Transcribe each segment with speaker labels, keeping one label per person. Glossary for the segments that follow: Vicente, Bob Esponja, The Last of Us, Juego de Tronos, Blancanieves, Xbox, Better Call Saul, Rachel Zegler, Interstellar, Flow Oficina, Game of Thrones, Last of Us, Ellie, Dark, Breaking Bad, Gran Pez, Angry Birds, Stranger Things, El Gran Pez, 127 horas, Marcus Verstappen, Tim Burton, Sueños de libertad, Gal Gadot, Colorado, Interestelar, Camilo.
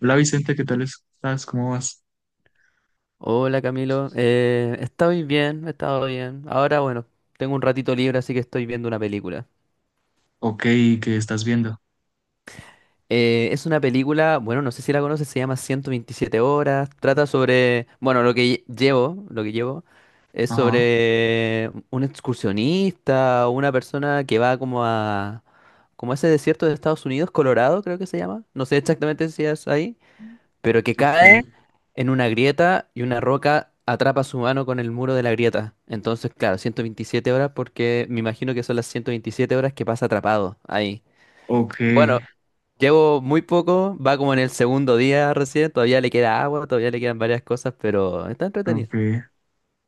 Speaker 1: Hola Vicente, ¿qué tal estás? ¿Cómo vas?
Speaker 2: Hola Camilo, estoy bien, he estado bien. Ahora, bueno, tengo un ratito libre, así que estoy viendo una película.
Speaker 1: Ok, ¿qué estás viendo?
Speaker 2: Es una película, bueno, no sé si la conoces, se llama ciento veintisiete horas. Trata sobre, bueno, llevo, lo que llevo es
Speaker 1: Ajá,
Speaker 2: sobre un excursionista, una persona que va como a ese desierto de Estados Unidos, Colorado, creo que se llama. No sé exactamente si es ahí, pero que
Speaker 1: ok,
Speaker 2: cae en una grieta y una roca atrapa su mano con el muro de la grieta. Entonces, claro, 127 horas porque me imagino que son las 127 horas que pasa atrapado ahí.
Speaker 1: ok,
Speaker 2: Bueno, llevo muy poco, va como en el segundo día recién, todavía le queda agua, todavía le quedan varias cosas, pero está entretenido.
Speaker 1: ok.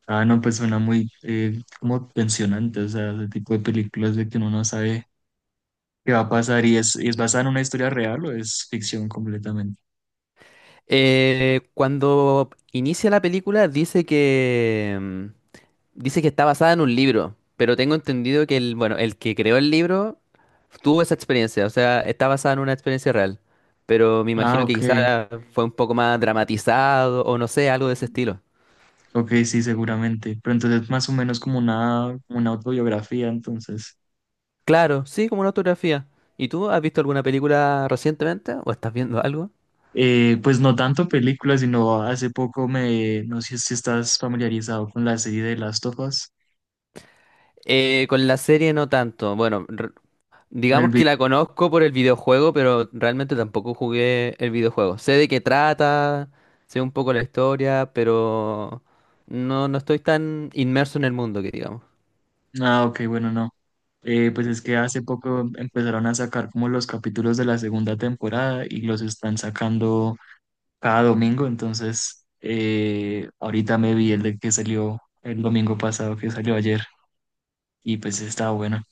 Speaker 1: Ah, no, pues suena muy como tensionante, o sea, ese tipo de películas de que uno no sabe qué va a pasar y es basada en una historia real o es ficción completamente.
Speaker 2: Cuando inicia la película dice que... mm, dice que está basada en un libro, pero tengo entendido que bueno, el que creó el libro tuvo esa experiencia, o sea, está basada en una experiencia real, pero me
Speaker 1: Ah,
Speaker 2: imagino que
Speaker 1: ok,
Speaker 2: quizá fue un poco más dramatizado o no sé, algo de ese estilo.
Speaker 1: ok, sí, seguramente. Pero entonces es más o menos como una autobiografía, entonces.
Speaker 2: Claro, sí, como una autografía. ¿Y tú has visto alguna película recientemente o estás viendo algo?
Speaker 1: Pues no tanto películas, sino hace poco no sé si estás familiarizado con la serie de Last of Us
Speaker 2: Con la serie no tanto.
Speaker 1: con el.
Speaker 2: Digamos que la conozco por el videojuego, pero realmente tampoco jugué el videojuego. Sé de qué trata, sé un poco la historia, pero no estoy tan inmerso en el mundo que digamos.
Speaker 1: Ah, ok, bueno, no. Pues es que hace poco empezaron a sacar como los capítulos de la segunda temporada y los están sacando cada domingo, entonces ahorita me vi el de que salió el domingo pasado, que salió ayer, y pues estaba bueno.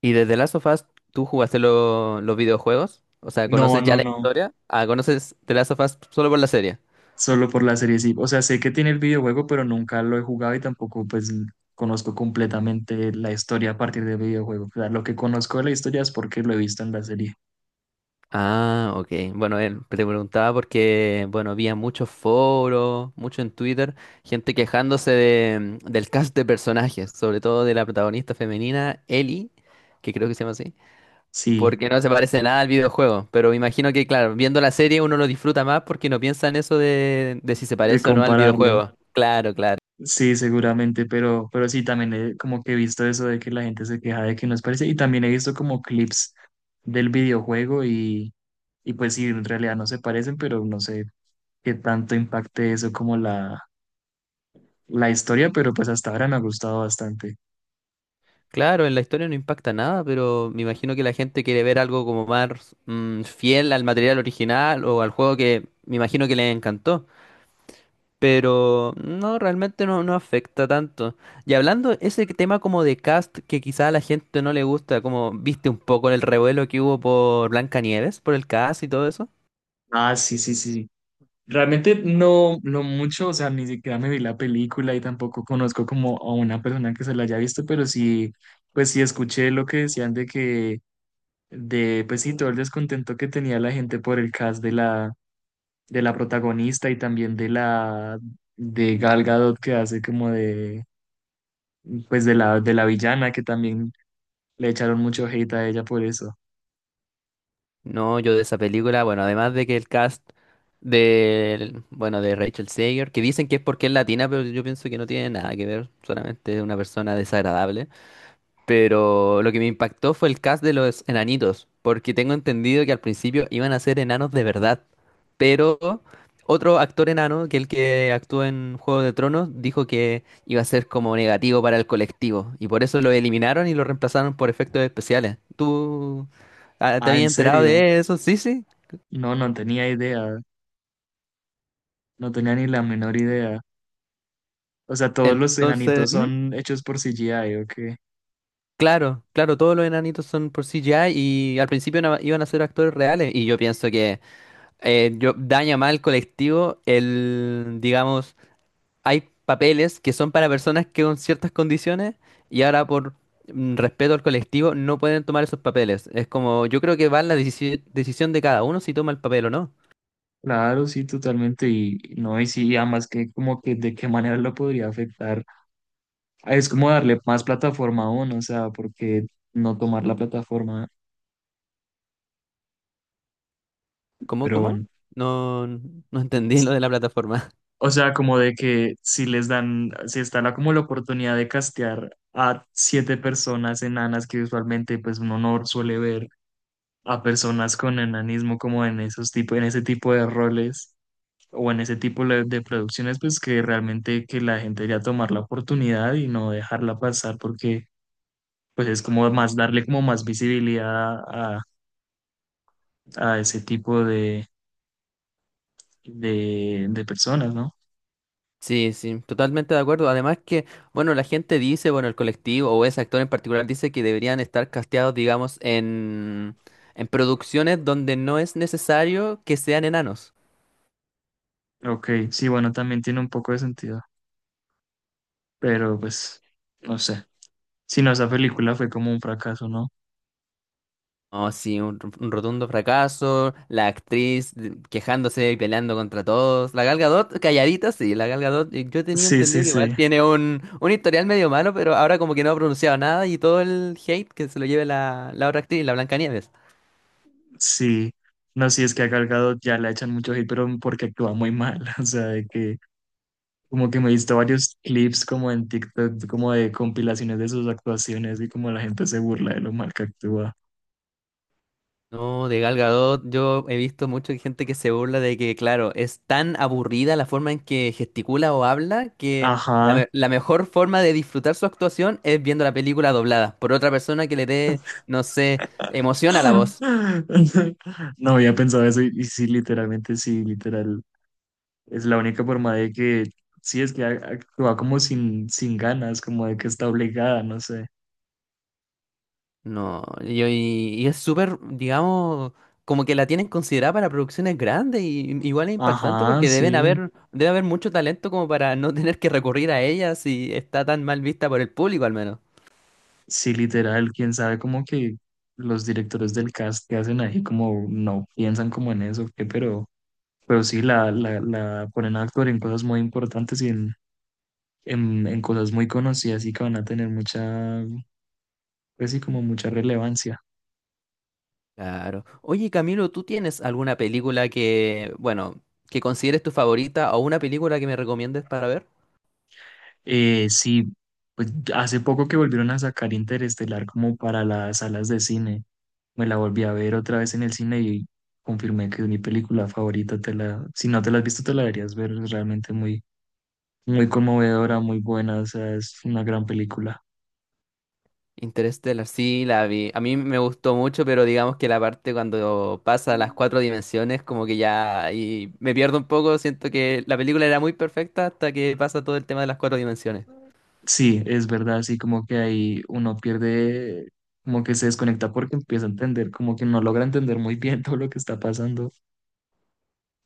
Speaker 2: ¿Y desde Last of Us tú jugaste los videojuegos? O sea,
Speaker 1: No,
Speaker 2: ¿conoces ya
Speaker 1: no,
Speaker 2: la
Speaker 1: no,
Speaker 2: historia? Ah, ¿conoces The Last of Us solo por la serie?
Speaker 1: solo por la serie, sí. O sea, sé que tiene el videojuego, pero nunca lo he jugado y tampoco pues conozco completamente la historia a partir del videojuego. O sea, lo que conozco de la historia es porque lo he visto en la serie.
Speaker 2: Ah, ok. Bueno, él te preguntaba porque, bueno, había muchos foros, mucho en Twitter, gente quejándose del cast de personajes, sobre todo de la protagonista femenina, Ellie, que creo que se llama así,
Speaker 1: Sí,
Speaker 2: porque no se parece nada al videojuego. Pero me imagino que, claro, viendo la serie uno lo disfruta más porque no piensa en eso de si se
Speaker 1: de
Speaker 2: parece o no al
Speaker 1: compararlo.
Speaker 2: videojuego. Claro, claro.
Speaker 1: Sí, seguramente, pero sí, también como que he visto eso de que la gente se queja de que no es parece y también he visto como clips del videojuego y pues sí, en realidad no se parecen, pero no sé qué tanto impacte eso como la historia, pero pues hasta ahora me ha gustado bastante.
Speaker 2: Claro, en la historia no impacta nada, pero me imagino que la gente quiere ver algo como más fiel al material original o al juego que me imagino que le encantó. Pero no, realmente no afecta tanto. Y hablando ese tema como de cast que quizá a la gente no le gusta, como viste un poco el revuelo que hubo por Blancanieves, por el cast y todo eso.
Speaker 1: Ah, sí, sí, sí. Realmente no, no mucho, o sea, ni siquiera me vi la película y tampoco conozco como a una persona que se la haya visto, pero sí, pues sí escuché lo que decían de que pues sí, todo el descontento que tenía la gente por el cast de la protagonista y también de de Gal Gadot que hace como pues de la villana que también le echaron mucho hate a ella por eso.
Speaker 2: No, yo de esa película, bueno, además de que el cast bueno, de Rachel Zegler, que dicen que es porque es latina, pero yo pienso que no tiene nada que ver, solamente es una persona desagradable. Pero lo que me impactó fue el cast de los enanitos, porque tengo entendido que al principio iban a ser enanos de verdad. Pero otro actor enano, que el que actuó en Juego de Tronos, dijo que iba a ser como negativo para el colectivo. Y por eso lo eliminaron y lo reemplazaron por efectos especiales. ¿ Te
Speaker 1: Ah,
Speaker 2: habías
Speaker 1: ¿en
Speaker 2: enterado
Speaker 1: serio?
Speaker 2: de eso? Sí, sí.
Speaker 1: No, no tenía idea, no tenía ni la menor idea. O sea, todos los
Speaker 2: Entonces,
Speaker 1: enanitos
Speaker 2: ¿mm?
Speaker 1: son hechos por CGI, ¿o qué?
Speaker 2: Claro, claro, todos los enanitos son por CGI y al principio iban a ser actores reales. Y yo pienso que, daña más al colectivo el, digamos, hay papeles que son para personas que con ciertas condiciones y ahora por respeto al colectivo no pueden tomar esos papeles. Es como, yo creo que va en la decisión de cada uno si toma el papel o no.
Speaker 1: Claro, sí, totalmente, y no, y sí, y además que como que de qué manera lo podría afectar. Es como darle más plataforma a uno, o sea, porque no tomar la plataforma,
Speaker 2: ¿Cómo,
Speaker 1: pero
Speaker 2: cómo?
Speaker 1: bueno.
Speaker 2: No, no entendí lo de la plataforma.
Speaker 1: O sea, como de que si les dan, si está la, como la oportunidad de castear a siete personas enanas que usualmente pues uno no suele ver a personas con enanismo como en esos tipo, en ese tipo de roles o en ese tipo de producciones, pues que realmente que la gente debería tomar la oportunidad y no dejarla pasar porque pues es como más darle como más visibilidad a, a ese tipo de personas, ¿no?
Speaker 2: Sí, sí, totalmente de acuerdo. Además que, bueno, la gente dice, bueno, el colectivo o ese actor en particular dice que deberían estar casteados, digamos, en producciones donde no es necesario que sean enanos.
Speaker 1: Ok, sí, bueno, también tiene un poco de sentido, pero pues, no sé. Si no, esa película fue como un fracaso, ¿no?
Speaker 2: Oh, sí, un rotundo fracaso, la actriz quejándose y peleando contra todos, la Gal Gadot calladita, sí, la Gal Gadot, yo tenía
Speaker 1: Sí,
Speaker 2: entendido
Speaker 1: sí,
Speaker 2: que igual
Speaker 1: sí,
Speaker 2: tiene un historial medio malo, pero ahora como que no ha pronunciado nada y todo el hate que se lo lleve la otra actriz, la Blancanieves.
Speaker 1: sí. No, sí, es que a Gal Gadot ya la echan mucho hate, pero porque actúa muy mal, o sea, de que como que me he visto varios clips como en TikTok, como de compilaciones de sus actuaciones y como la gente se burla de lo mal que actúa.
Speaker 2: No, de Gal Gadot, yo he visto mucha gente que se burla de que, claro, es tan aburrida la forma en que gesticula o habla que
Speaker 1: Ajá.
Speaker 2: la mejor forma de disfrutar su actuación es viendo la película doblada por otra persona que le dé, no sé, emoción a la voz.
Speaker 1: No había pensado eso y sí, literalmente, sí, literal. Es la única forma de que, sí, es que actúa como sin ganas, como de que está obligada, no sé.
Speaker 2: No, y es súper, digamos, como que la tienen considerada para producciones grandes y igual es impactante
Speaker 1: Ajá,
Speaker 2: porque
Speaker 1: sí,
Speaker 2: debe haber mucho talento como para no tener que recurrir a ella si está tan mal vista por el público al menos.
Speaker 1: sí, literal, quién sabe como que los directores del cast que hacen ahí como no piensan como en eso, ¿qué? Pero sí, la ponen a actuar en cosas muy importantes y en cosas muy conocidas y que van a tener mucha, pues sí, como mucha relevancia.
Speaker 2: Claro. Oye, Camilo, ¿tú tienes alguna película que, bueno, que consideres tu favorita o una película que me recomiendes para ver?
Speaker 1: Sí, pues hace poco que volvieron a sacar Interestelar como para las salas de cine. Me la volví a ver otra vez en el cine y confirmé que es mi película favorita. Si no te la has visto, te la deberías ver. Es realmente muy, muy conmovedora, muy buena. O sea, es una gran película.
Speaker 2: Interstellar, sí, la vi. A mí me gustó mucho, pero digamos que la parte cuando pasa a las cuatro dimensiones, como que ya ahí me pierdo un poco. Siento que la película era muy perfecta hasta que pasa todo el tema de las cuatro dimensiones.
Speaker 1: Sí, es verdad, así como que ahí uno pierde, como que se desconecta porque empieza a entender, como que no logra entender muy bien todo lo que está pasando.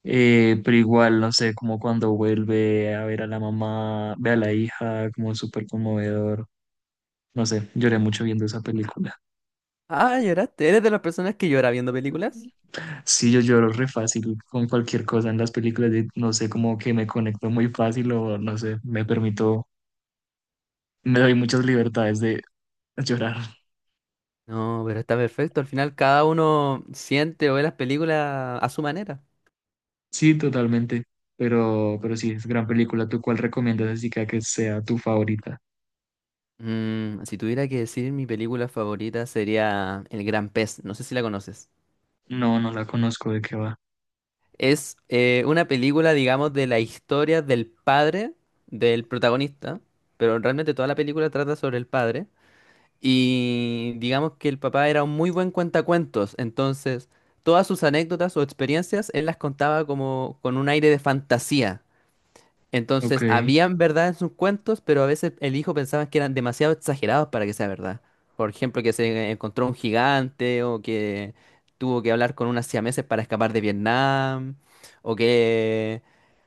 Speaker 1: Pero igual, no sé, como cuando vuelve a ver a la mamá, ve a la hija, como súper conmovedor. No sé, lloré mucho viendo esa película.
Speaker 2: Ah, lloraste. ¿Eres de las personas que llora viendo películas?
Speaker 1: Sí, yo lloro re fácil con cualquier cosa en las películas, no sé, como que me conecto muy fácil o no sé, me permito, me doy muchas libertades de llorar.
Speaker 2: No, pero está perfecto. Al final cada uno siente o ve las películas a su manera.
Speaker 1: Sí, totalmente, pero sí, es gran película. ¿Tú cuál recomiendas así que sea tu favorita?
Speaker 2: Mm, si tuviera que decir mi película favorita sería El Gran Pez, no sé si la conoces.
Speaker 1: No, no la conozco, ¿de qué va?
Speaker 2: Es una película, digamos, de la historia del padre del protagonista, pero realmente toda la película trata sobre el padre. Y digamos que el papá era un muy buen cuentacuentos, entonces todas sus anécdotas o experiencias él las contaba como con un aire de fantasía.
Speaker 1: Ok,
Speaker 2: Entonces, habían verdad en sus cuentos, pero a veces el hijo pensaba que eran demasiado exagerados para que sea verdad. Por ejemplo, que se encontró un gigante o que tuvo que hablar con unas siameses para escapar de Vietnam o que,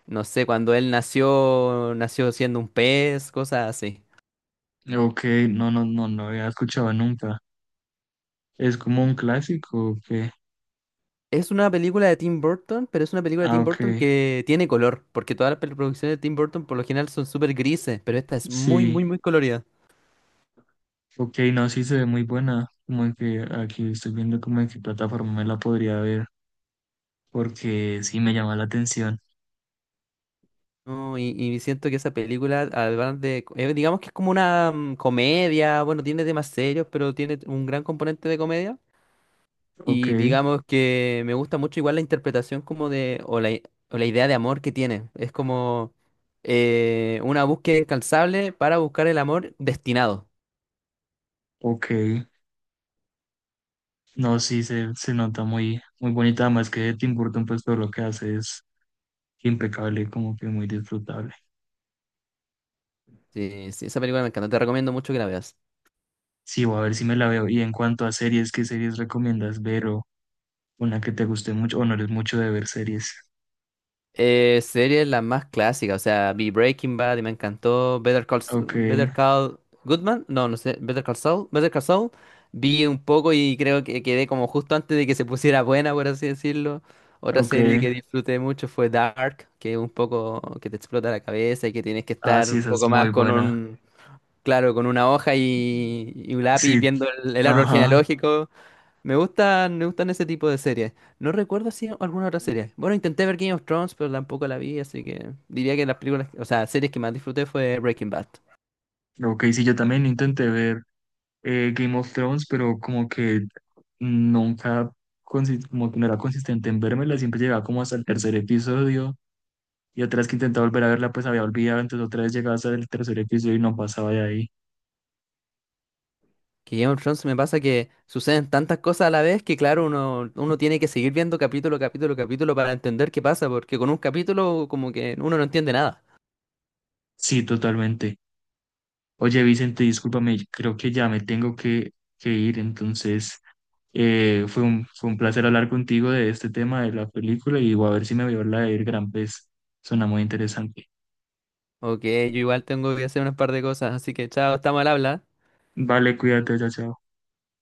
Speaker 2: no sé, cuando él nació, nació siendo un pez, cosas así.
Speaker 1: ok, no, no, no, no había escuchado nunca. ¿Es como un clásico o qué?
Speaker 2: Es una película de Tim Burton, pero es una película de
Speaker 1: Ah,
Speaker 2: Tim
Speaker 1: ok,
Speaker 2: Burton que tiene color, porque todas las producciones de Tim Burton por lo general son súper grises, pero esta es muy,
Speaker 1: sí,
Speaker 2: muy, muy colorida.
Speaker 1: ok, no, sí se ve muy buena. Como que aquí estoy viendo como en qué plataforma me la podría ver porque sí me llama la atención.
Speaker 2: No, y siento que esa película, además de, digamos que es como una comedia, bueno, tiene temas serios, pero tiene un gran componente de comedia.
Speaker 1: Ok,
Speaker 2: Y digamos que me gusta mucho igual la interpretación como de, o la, i- o la idea de amor que tiene. Es como una búsqueda incansable para buscar el amor destinado.
Speaker 1: ok. No, sí, se nota muy, muy bonita, además que Tim Burton, pues todo lo que hace es impecable, como que muy disfrutable.
Speaker 2: Sí, sí, esa película me encanta, te recomiendo mucho que la veas.
Speaker 1: Sí, voy a ver si me la veo. Y en cuanto a series, ¿qué series recomiendas ver o una que te guste mucho o no eres mucho de ver series?
Speaker 2: Serie la más clásica, o sea, vi Breaking Bad y me encantó.
Speaker 1: Ok,
Speaker 2: Better Call Goodman, no, no sé, Better Call Saul. Vi un poco y creo que quedé como justo antes de que se pusiera buena, por así decirlo. Otra
Speaker 1: ok.
Speaker 2: serie que disfruté mucho fue Dark, que es un poco que te explota la cabeza y que tienes que
Speaker 1: Ah,
Speaker 2: estar
Speaker 1: sí,
Speaker 2: un
Speaker 1: esa es
Speaker 2: poco
Speaker 1: muy
Speaker 2: más
Speaker 1: buena.
Speaker 2: claro, con una hoja y un lápiz
Speaker 1: Sí,
Speaker 2: viendo el árbol
Speaker 1: ajá.
Speaker 2: genealógico. Me gustan ese tipo de series. No recuerdo si alguna otra serie. Bueno, intenté ver Game of Thrones, pero tampoco la vi, así que diría que las películas, o sea, series que más disfruté fue Breaking Bad.
Speaker 1: Ok, sí, yo también intenté ver, Game of Thrones, pero como que nunca, como que no era consistente en vérmela, siempre llegaba como hasta el tercer episodio y otras que intentaba volver a verla pues había olvidado, entonces otra vez llegaba hasta el tercer episodio y no pasaba de ahí.
Speaker 2: Que Game of Thrones me pasa que suceden tantas cosas a la vez que, claro, uno tiene que seguir viendo capítulo para entender qué pasa, porque con un capítulo como que uno no entiende nada.
Speaker 1: Sí, totalmente. Oye, Vicente, discúlpame, creo que ya me tengo que ir, entonces fue un placer hablar contigo de este tema de la película y voy a ver si me veo la del Gran Pez, suena muy interesante.
Speaker 2: Ok, yo igual tengo que hacer unas par de cosas, así que chao, estamos al habla.
Speaker 1: Vale, cuídate, chao, chao.